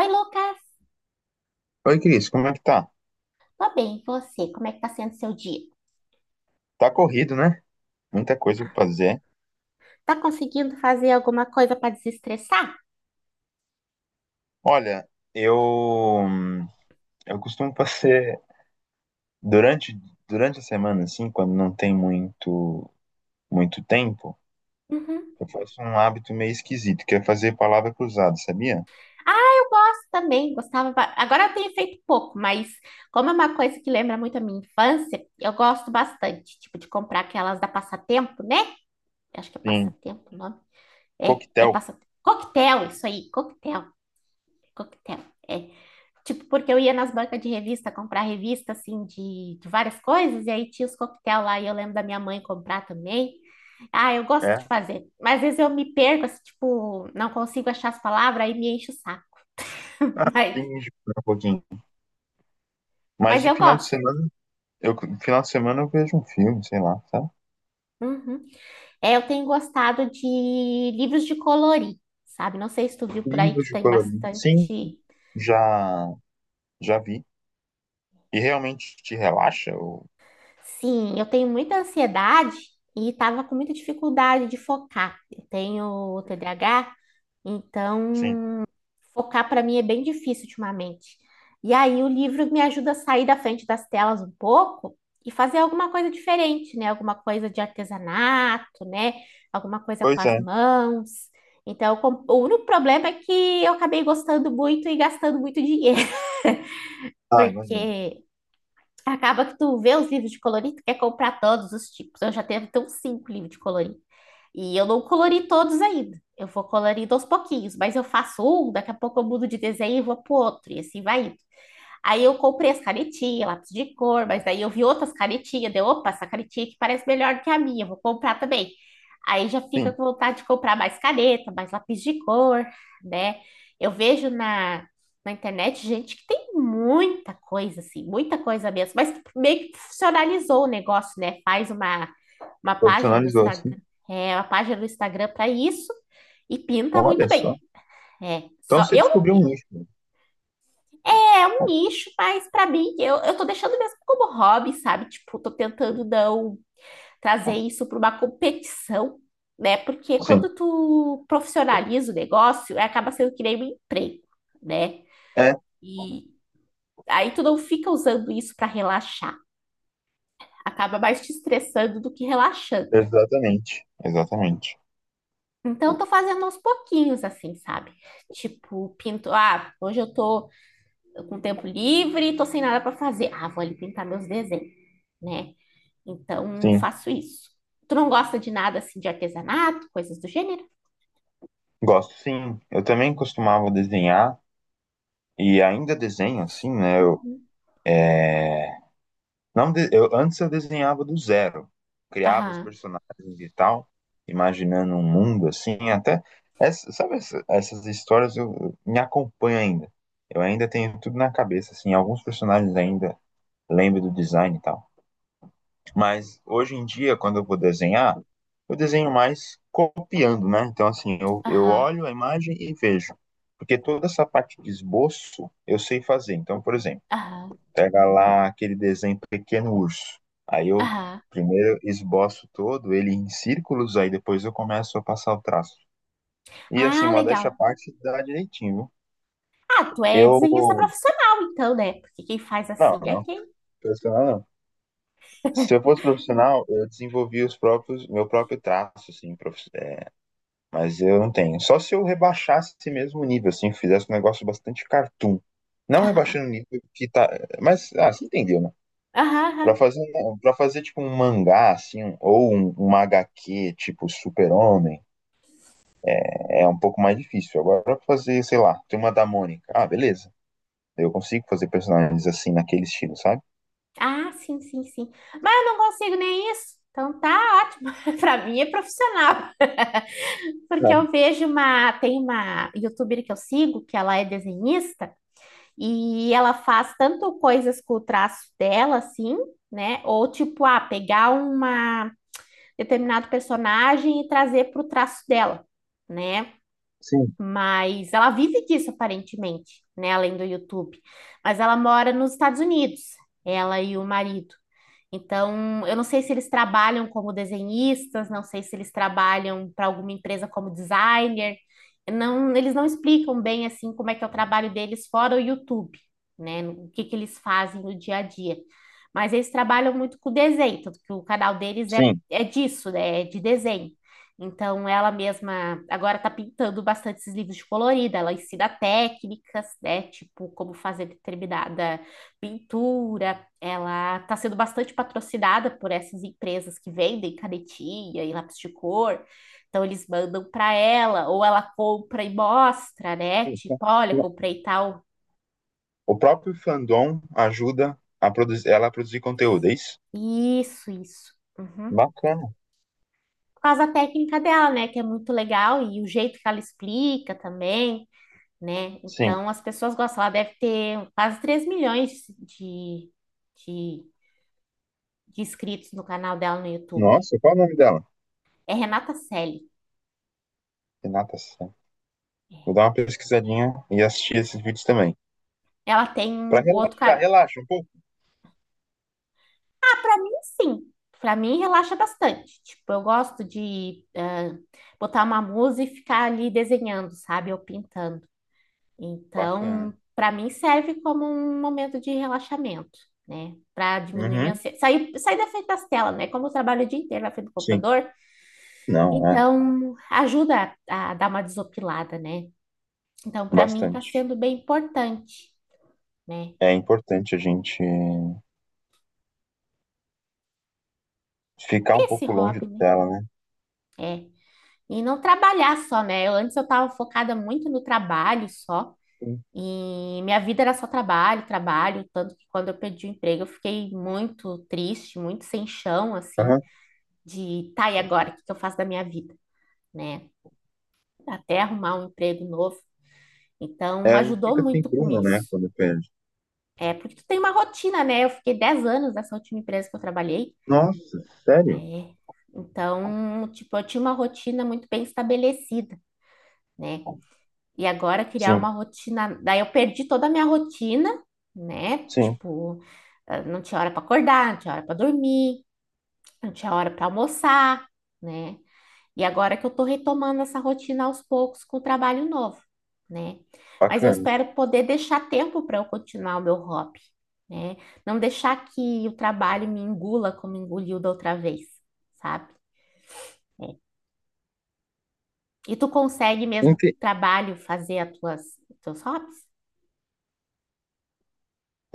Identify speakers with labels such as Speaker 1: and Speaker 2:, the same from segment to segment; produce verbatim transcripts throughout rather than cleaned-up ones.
Speaker 1: Oi, Lucas.
Speaker 2: Oi, Cris, como é que tá?
Speaker 1: Tô bem, e você? Como é que tá sendo seu dia?
Speaker 2: Tá corrido, né? Muita coisa pra fazer.
Speaker 1: Tá conseguindo fazer alguma coisa para desestressar?
Speaker 2: Olha, eu eu costumo fazer durante durante a semana assim, quando não tem muito muito tempo,
Speaker 1: Uhum.
Speaker 2: eu faço um hábito meio esquisito, que é fazer palavra cruzada, sabia?
Speaker 1: Ah, eu gosto também, gostava. ba- Agora eu tenho feito pouco, mas como é uma coisa que lembra muito a minha infância, eu gosto bastante, tipo, de comprar aquelas da Passatempo, né? Acho que é
Speaker 2: Sim,
Speaker 1: Passatempo o nome. É, é
Speaker 2: coquetel,
Speaker 1: Passatempo. Coquetel, isso aí, coquetel, coquetel. É. Tipo, porque eu ia nas bancas de revista comprar revista, assim, de, de várias coisas, e aí tinha os coquetel lá, e eu lembro da minha mãe comprar também. Ah, eu gosto de
Speaker 2: é.
Speaker 1: fazer, mas às vezes eu me perco, assim, tipo, não consigo achar as palavras, aí me enche o saco.
Speaker 2: Ah,
Speaker 1: Mas,
Speaker 2: tem que jogar um pouquinho. Mas
Speaker 1: mas
Speaker 2: de
Speaker 1: eu
Speaker 2: final de
Speaker 1: gosto.
Speaker 2: semana, eu final de semana eu vejo um filme, sei lá, sabe?
Speaker 1: Uhum. É, eu tenho gostado de livros de colorir, sabe? Não sei se tu viu por aí
Speaker 2: Livros
Speaker 1: que
Speaker 2: de
Speaker 1: tem
Speaker 2: colorido. Sim,
Speaker 1: bastante.
Speaker 2: já já vi. E realmente te relaxa ou.
Speaker 1: Sim, eu tenho muita ansiedade e tava com muita dificuldade de focar. Eu tenho T D A H. Então,
Speaker 2: Sim.
Speaker 1: focar para mim é bem difícil ultimamente. E aí o livro me ajuda a sair da frente das telas um pouco e fazer alguma coisa diferente, né? Alguma coisa de artesanato, né? Alguma coisa com
Speaker 2: Pois
Speaker 1: as
Speaker 2: é.
Speaker 1: mãos. Então, com- o único problema é que eu acabei gostando muito e gastando muito dinheiro,
Speaker 2: Ah, imagino.
Speaker 1: porque acaba que tu vê os livros de colorir, tu quer comprar todos os tipos. Eu já tenho até uns cinco livros de colorir. E eu não colori todos ainda. Eu vou colorindo aos pouquinhos, mas eu faço um, daqui a pouco eu mudo de desenho e vou pro outro, e assim vai indo. Aí eu comprei as canetinhas, lápis de cor, mas aí eu vi outras canetinhas, deu, opa, essa canetinha que parece melhor do que a minha, vou comprar também. Aí já fica
Speaker 2: Sim,
Speaker 1: com vontade de comprar mais caneta, mais lápis de cor, né? Eu vejo na, na internet gente que tem muita coisa, assim, muita coisa mesmo, mas que meio que profissionalizou o negócio, né? Faz uma, uma página no
Speaker 2: profissionalizou assim.
Speaker 1: Instagram, é, uma página no Instagram para isso e pinta muito
Speaker 2: Olha só.
Speaker 1: bem. É,
Speaker 2: Então
Speaker 1: só
Speaker 2: você
Speaker 1: eu não,
Speaker 2: descobriu um nicho, né?
Speaker 1: é um nicho, mas pra mim, eu, eu tô deixando mesmo como hobby, sabe? Tipo, tô tentando não trazer isso pra uma competição, né? Porque
Speaker 2: Sim,
Speaker 1: quando tu profissionaliza o negócio, é, acaba sendo que nem um emprego, né?
Speaker 2: é,
Speaker 1: E aí tu não fica usando isso pra relaxar. Acaba mais te estressando do que relaxando.
Speaker 2: exatamente. Exatamente.
Speaker 1: Então, eu tô fazendo aos pouquinhos, assim, sabe? Tipo, pinto. Ah, hoje eu tô com tempo livre, tô sem nada pra fazer. Ah, vou ali pintar meus desenhos, né? Então,
Speaker 2: Sim,
Speaker 1: faço isso. Tu não gosta de nada assim de artesanato, coisas do gênero?
Speaker 2: gosto. Sim, eu também costumava desenhar e ainda desenho, assim, né? Eu,
Speaker 1: Uhum.
Speaker 2: é, não de- eu, antes eu desenhava do zero. Criava os
Speaker 1: Aham,
Speaker 2: personagens e tal, imaginando um mundo assim, até. Essa, sabe, essa- essas histórias eu, eu- me acompanham ainda. Eu ainda tenho tudo na cabeça, assim, alguns personagens ainda lembro do design e tal. Mas hoje em dia, quando eu vou desenhar, eu desenho mais copiando, né? Então, assim, eu, eu
Speaker 1: aham,
Speaker 2: olho a imagem e vejo. Porque toda essa parte de esboço eu sei fazer. Então, por exemplo,
Speaker 1: aham,
Speaker 2: pega lá aquele desenho Pequeno Urso. Aí eu
Speaker 1: aham.
Speaker 2: primeiro esboço todo ele em círculos, aí depois eu começo a passar o traço. E assim,
Speaker 1: Ah,
Speaker 2: modéstia à
Speaker 1: legal.
Speaker 2: parte, dá direitinho, viu?
Speaker 1: Ah, tu é
Speaker 2: Eu.
Speaker 1: desenhista profissional, então, né? Porque quem faz
Speaker 2: Não,
Speaker 1: assim é
Speaker 2: não,
Speaker 1: quem.
Speaker 2: profissional não. Se eu fosse profissional, eu desenvolvi os próprios, meu próprio traço, assim, prof- Mas eu não tenho. Só se eu rebaixasse esse mesmo o nível, assim, fizesse um negócio bastante cartoon. Não
Speaker 1: Aham,
Speaker 2: rebaixando o nível que tá. Mas, ah, você entendeu, né?
Speaker 1: aham,
Speaker 2: Pra
Speaker 1: aham.
Speaker 2: fazer, um- pra fazer tipo um mangá, assim, um- ou um, uma agá quê, tipo Super-Homem, é um pouco mais difícil. Agora, pra fazer, sei lá, Turma da Mônica. Ah, beleza. Eu consigo fazer personagens assim, naquele estilo, sabe?
Speaker 1: Ah, sim, sim, sim. Mas eu não consigo nem isso. Então tá, ó. Pra mim é profissional. Porque
Speaker 2: Ah,
Speaker 1: eu vejo uma. Tem uma youtuber que eu sigo, que ela é desenhista. E ela faz tanto coisas com o traço dela, assim, né? Ou tipo, ah, pegar uma determinado personagem e trazer para o traço dela, né?
Speaker 2: sim,
Speaker 1: Mas ela vive disso aparentemente, né? Além do YouTube. Mas ela mora nos Estados Unidos, ela e o marido. Então, eu não sei se eles trabalham como desenhistas, não sei se eles trabalham para alguma empresa como designer. Não, eles não explicam bem assim como é que é o trabalho deles fora o YouTube, né? O que que eles fazem no dia a dia. Mas eles trabalham muito com desenho, tanto que o canal deles é,
Speaker 2: sim.
Speaker 1: é disso, né? É de desenho. Então, ela mesma agora está pintando bastante esses livros de colorida. Ela ensina técnicas, né? Tipo, como fazer determinada pintura, ela está sendo bastante patrocinada por essas empresas que vendem canetinha e lápis de cor. Então eles mandam para ela, ou ela compra e mostra, né? Tipo, olha, comprei tal.
Speaker 2: O próprio fandom ajuda a produzir, ela a produzir conteúdo, é isso?
Speaker 1: Isso, isso. Uhum.
Speaker 2: Bacana.
Speaker 1: Por causa da técnica dela, né? Que é muito legal e o jeito que ela explica também, né?
Speaker 2: Sim.
Speaker 1: Então as pessoas gostam. Ela deve ter quase três milhões de, de, de inscritos no canal dela no YouTube.
Speaker 2: Nossa, qual é o nome dela?
Speaker 1: É Renata Selle.
Speaker 2: De natação. Vou dar uma pesquisadinha e assistir esses vídeos também.
Speaker 1: Ela tem
Speaker 2: Pra
Speaker 1: o outro
Speaker 2: relaxar,
Speaker 1: canal.
Speaker 2: relaxa um pouco.
Speaker 1: Sim, pra mim relaxa bastante. Tipo, eu gosto de ah, botar uma música e ficar ali desenhando, sabe? Ou pintando. Então,
Speaker 2: Bacana.
Speaker 1: pra mim serve como um momento de relaxamento, né? Pra diminuir minha
Speaker 2: Uhum,
Speaker 1: ansiedade. Sair, sair da frente das telas, né? Como eu trabalho o dia inteiro na frente do
Speaker 2: sim.
Speaker 1: computador,
Speaker 2: Não, é.
Speaker 1: então ajuda a, a dar uma desopilada, né? Então, pra mim tá
Speaker 2: Bastante.
Speaker 1: sendo bem importante, né?
Speaker 2: É importante a gente ficar
Speaker 1: Ter
Speaker 2: um
Speaker 1: esse
Speaker 2: pouco longe
Speaker 1: hobby,
Speaker 2: da
Speaker 1: né?
Speaker 2: tela, né?
Speaker 1: É. E não trabalhar só, né? Eu, antes eu estava focada muito no trabalho só,
Speaker 2: Sim.
Speaker 1: e minha vida era só trabalho, trabalho, tanto que quando eu perdi o emprego eu fiquei muito triste, muito sem chão, assim,
Speaker 2: Aham.
Speaker 1: de tá, e agora, o que que eu faço da minha vida, né? Até arrumar um emprego novo. Então,
Speaker 2: É, a gente
Speaker 1: ajudou
Speaker 2: fica sem
Speaker 1: muito com
Speaker 2: prumo, né?
Speaker 1: isso.
Speaker 2: Quando perde.
Speaker 1: É, porque tu tem uma rotina, né? Eu fiquei dez anos nessa última empresa que eu trabalhei.
Speaker 2: Nossa, sério?
Speaker 1: É. Então, tipo, eu tinha uma rotina muito bem estabelecida, né? E agora criar
Speaker 2: Sim,
Speaker 1: uma rotina. Daí eu perdi toda a minha rotina, né?
Speaker 2: sim.
Speaker 1: Tipo, ah, não tinha hora para acordar, não tinha hora para dormir, não tinha hora para almoçar, né? E agora que eu tô retomando essa rotina aos poucos com o trabalho novo, né? Mas eu
Speaker 2: Bacana.
Speaker 1: espero poder deixar tempo para eu continuar o meu hobby, né? Não deixar que o trabalho me engula como engoliu da outra vez, sabe? E tu consegue mesmo com
Speaker 2: Inte-
Speaker 1: o trabalho fazer as tuas teus hobbies?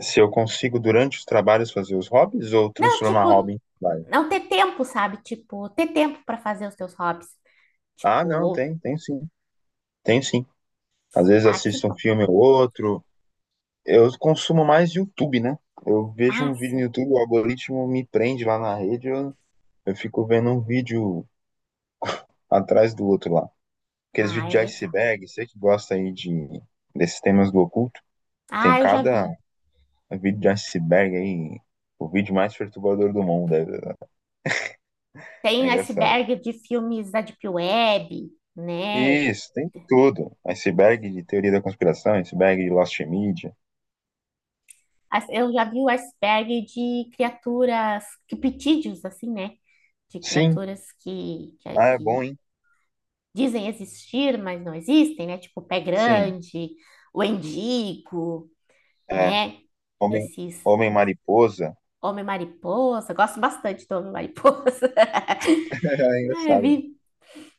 Speaker 2: Se eu consigo, durante os trabalhos, fazer os hobbies ou
Speaker 1: Não,
Speaker 2: transformar
Speaker 1: tipo,
Speaker 2: hobby em trabalho?
Speaker 1: não ter tempo, sabe? Tipo, ter tempo para fazer os seus hobbies.
Speaker 2: Ah,
Speaker 1: Tipo,
Speaker 2: não,
Speaker 1: ou,
Speaker 2: tem, tem sim. Tem sim. Às vezes
Speaker 1: ah, que
Speaker 2: assisto um
Speaker 1: bom.
Speaker 2: filme ou outro. Eu consumo mais YouTube, né? Eu vejo
Speaker 1: Ah,
Speaker 2: um vídeo no
Speaker 1: sim.
Speaker 2: YouTube, o algoritmo me prende lá na rede, eu, eu fico vendo um vídeo atrás do outro lá. Aqueles
Speaker 1: Ah,
Speaker 2: vídeos
Speaker 1: é
Speaker 2: de
Speaker 1: legal.
Speaker 2: iceberg, você que gosta aí de, desses temas do oculto, tem
Speaker 1: Ah, eu já
Speaker 2: cada
Speaker 1: vi.
Speaker 2: vídeo de iceberg aí, o vídeo mais perturbador do mundo, é, é
Speaker 1: Tem
Speaker 2: engraçado.
Speaker 1: iceberg de filmes da Deep Web, né?
Speaker 2: Isso, tem de tudo. Iceberg de teoria da conspiração, iceberg de Lost Media.
Speaker 1: As- Eu já vi o iceberg de criaturas, criptídeos, assim, né? De
Speaker 2: Sim,
Speaker 1: criaturas que, que,
Speaker 2: ah, é bom,
Speaker 1: que
Speaker 2: hein?
Speaker 1: dizem existir, mas não existem, né? Tipo, o pé
Speaker 2: Sim,
Speaker 1: grande, o endigo,
Speaker 2: é.
Speaker 1: né?
Speaker 2: Homem,
Speaker 1: Esses
Speaker 2: homem mariposa.
Speaker 1: homem-mariposa. Gosto bastante do homem-mariposa.
Speaker 2: É
Speaker 1: Ah, eu
Speaker 2: engraçado, né?
Speaker 1: vi,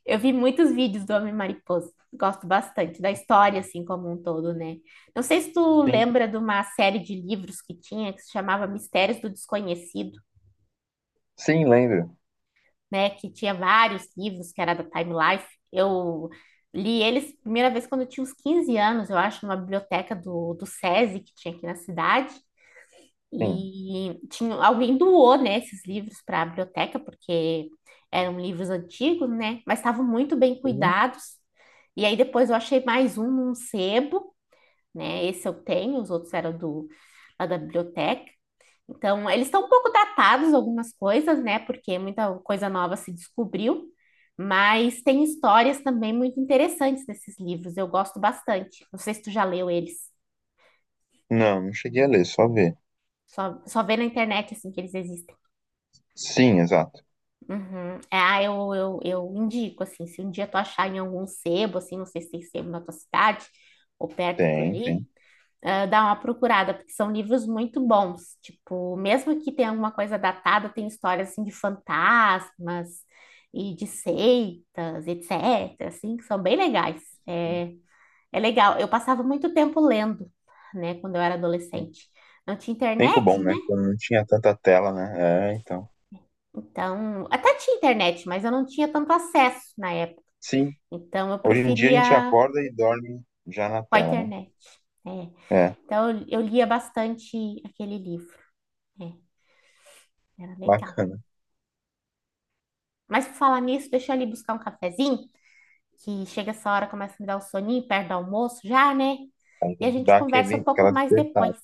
Speaker 1: eu vi muitos vídeos do Homem Mariposa. Gosto bastante da história, assim, como um todo, né? Não sei se tu
Speaker 2: Sim.
Speaker 1: lembra de uma série de livros que tinha, que se chamava Mistérios do Desconhecido,
Speaker 2: Sim, lembro.
Speaker 1: né? Que tinha vários livros, que era da Time Life. Eu li eles primeira vez quando eu tinha uns quinze anos, eu acho, numa biblioteca do, do SESI, que tinha aqui na cidade.
Speaker 2: Sim.
Speaker 1: E tinha, alguém doou, né, esses livros para a biblioteca, porque eram livros antigos, né? Mas estavam muito bem
Speaker 2: Uhum.
Speaker 1: cuidados. E aí depois eu achei mais um num sebo, né? Esse eu tenho, os outros eram do, lá da biblioteca. Então, eles estão um pouco datados, algumas coisas, né? Porque muita coisa nova se descobriu, mas tem histórias também muito interessantes nesses livros. Eu gosto bastante. Não sei se tu já leu eles.
Speaker 2: Não, não cheguei a ler, só ver.
Speaker 1: Só, só vê na internet, assim, que eles existem.
Speaker 2: Sim, exato.
Speaker 1: Uhum. É, ah, eu, eu, eu indico, assim, se um dia tu achar em algum sebo, assim, não sei se tem sebo na tua cidade ou perto por
Speaker 2: Tem,
Speaker 1: aí,
Speaker 2: tem.
Speaker 1: ah, dá uma procurada, porque são livros muito bons. Tipo, mesmo que tenha alguma coisa datada, tem histórias, assim, de fantasmas e de seitas, etcétera, assim, que são bem legais.
Speaker 2: Tem,
Speaker 1: É, é legal. Eu passava muito tempo lendo, né, quando eu era
Speaker 2: tem.
Speaker 1: adolescente. Não tinha
Speaker 2: Tempo
Speaker 1: internet,
Speaker 2: bom,
Speaker 1: né?
Speaker 2: né? Quando não tinha tanta tela, né? É, então.
Speaker 1: Então, até tinha internet, mas eu não tinha tanto acesso na época.
Speaker 2: Sim,
Speaker 1: Então, eu
Speaker 2: hoje em dia a gente
Speaker 1: preferia
Speaker 2: acorda e dorme já na
Speaker 1: com a
Speaker 2: tela, né?
Speaker 1: internet. Né?
Speaker 2: É,
Speaker 1: Então, eu, eu lia bastante aquele livro. Né? Era legal.
Speaker 2: bacana.
Speaker 1: Mas, por falar nisso, deixa eu ali buscar um cafezinho, que chega essa hora, começa a me dar um soninho, perto do almoço já, né?
Speaker 2: Tem
Speaker 1: E a
Speaker 2: que
Speaker 1: gente
Speaker 2: dar
Speaker 1: conversa um
Speaker 2: aquele,
Speaker 1: pouco
Speaker 2: aquela
Speaker 1: mais
Speaker 2: despertada.
Speaker 1: depois.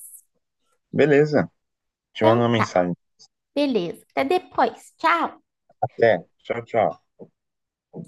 Speaker 2: Beleza, te mando uma
Speaker 1: Então, tá.
Speaker 2: mensagem.
Speaker 1: Beleza. Até depois. Tchau.
Speaker 2: Até. Tchau, tchau.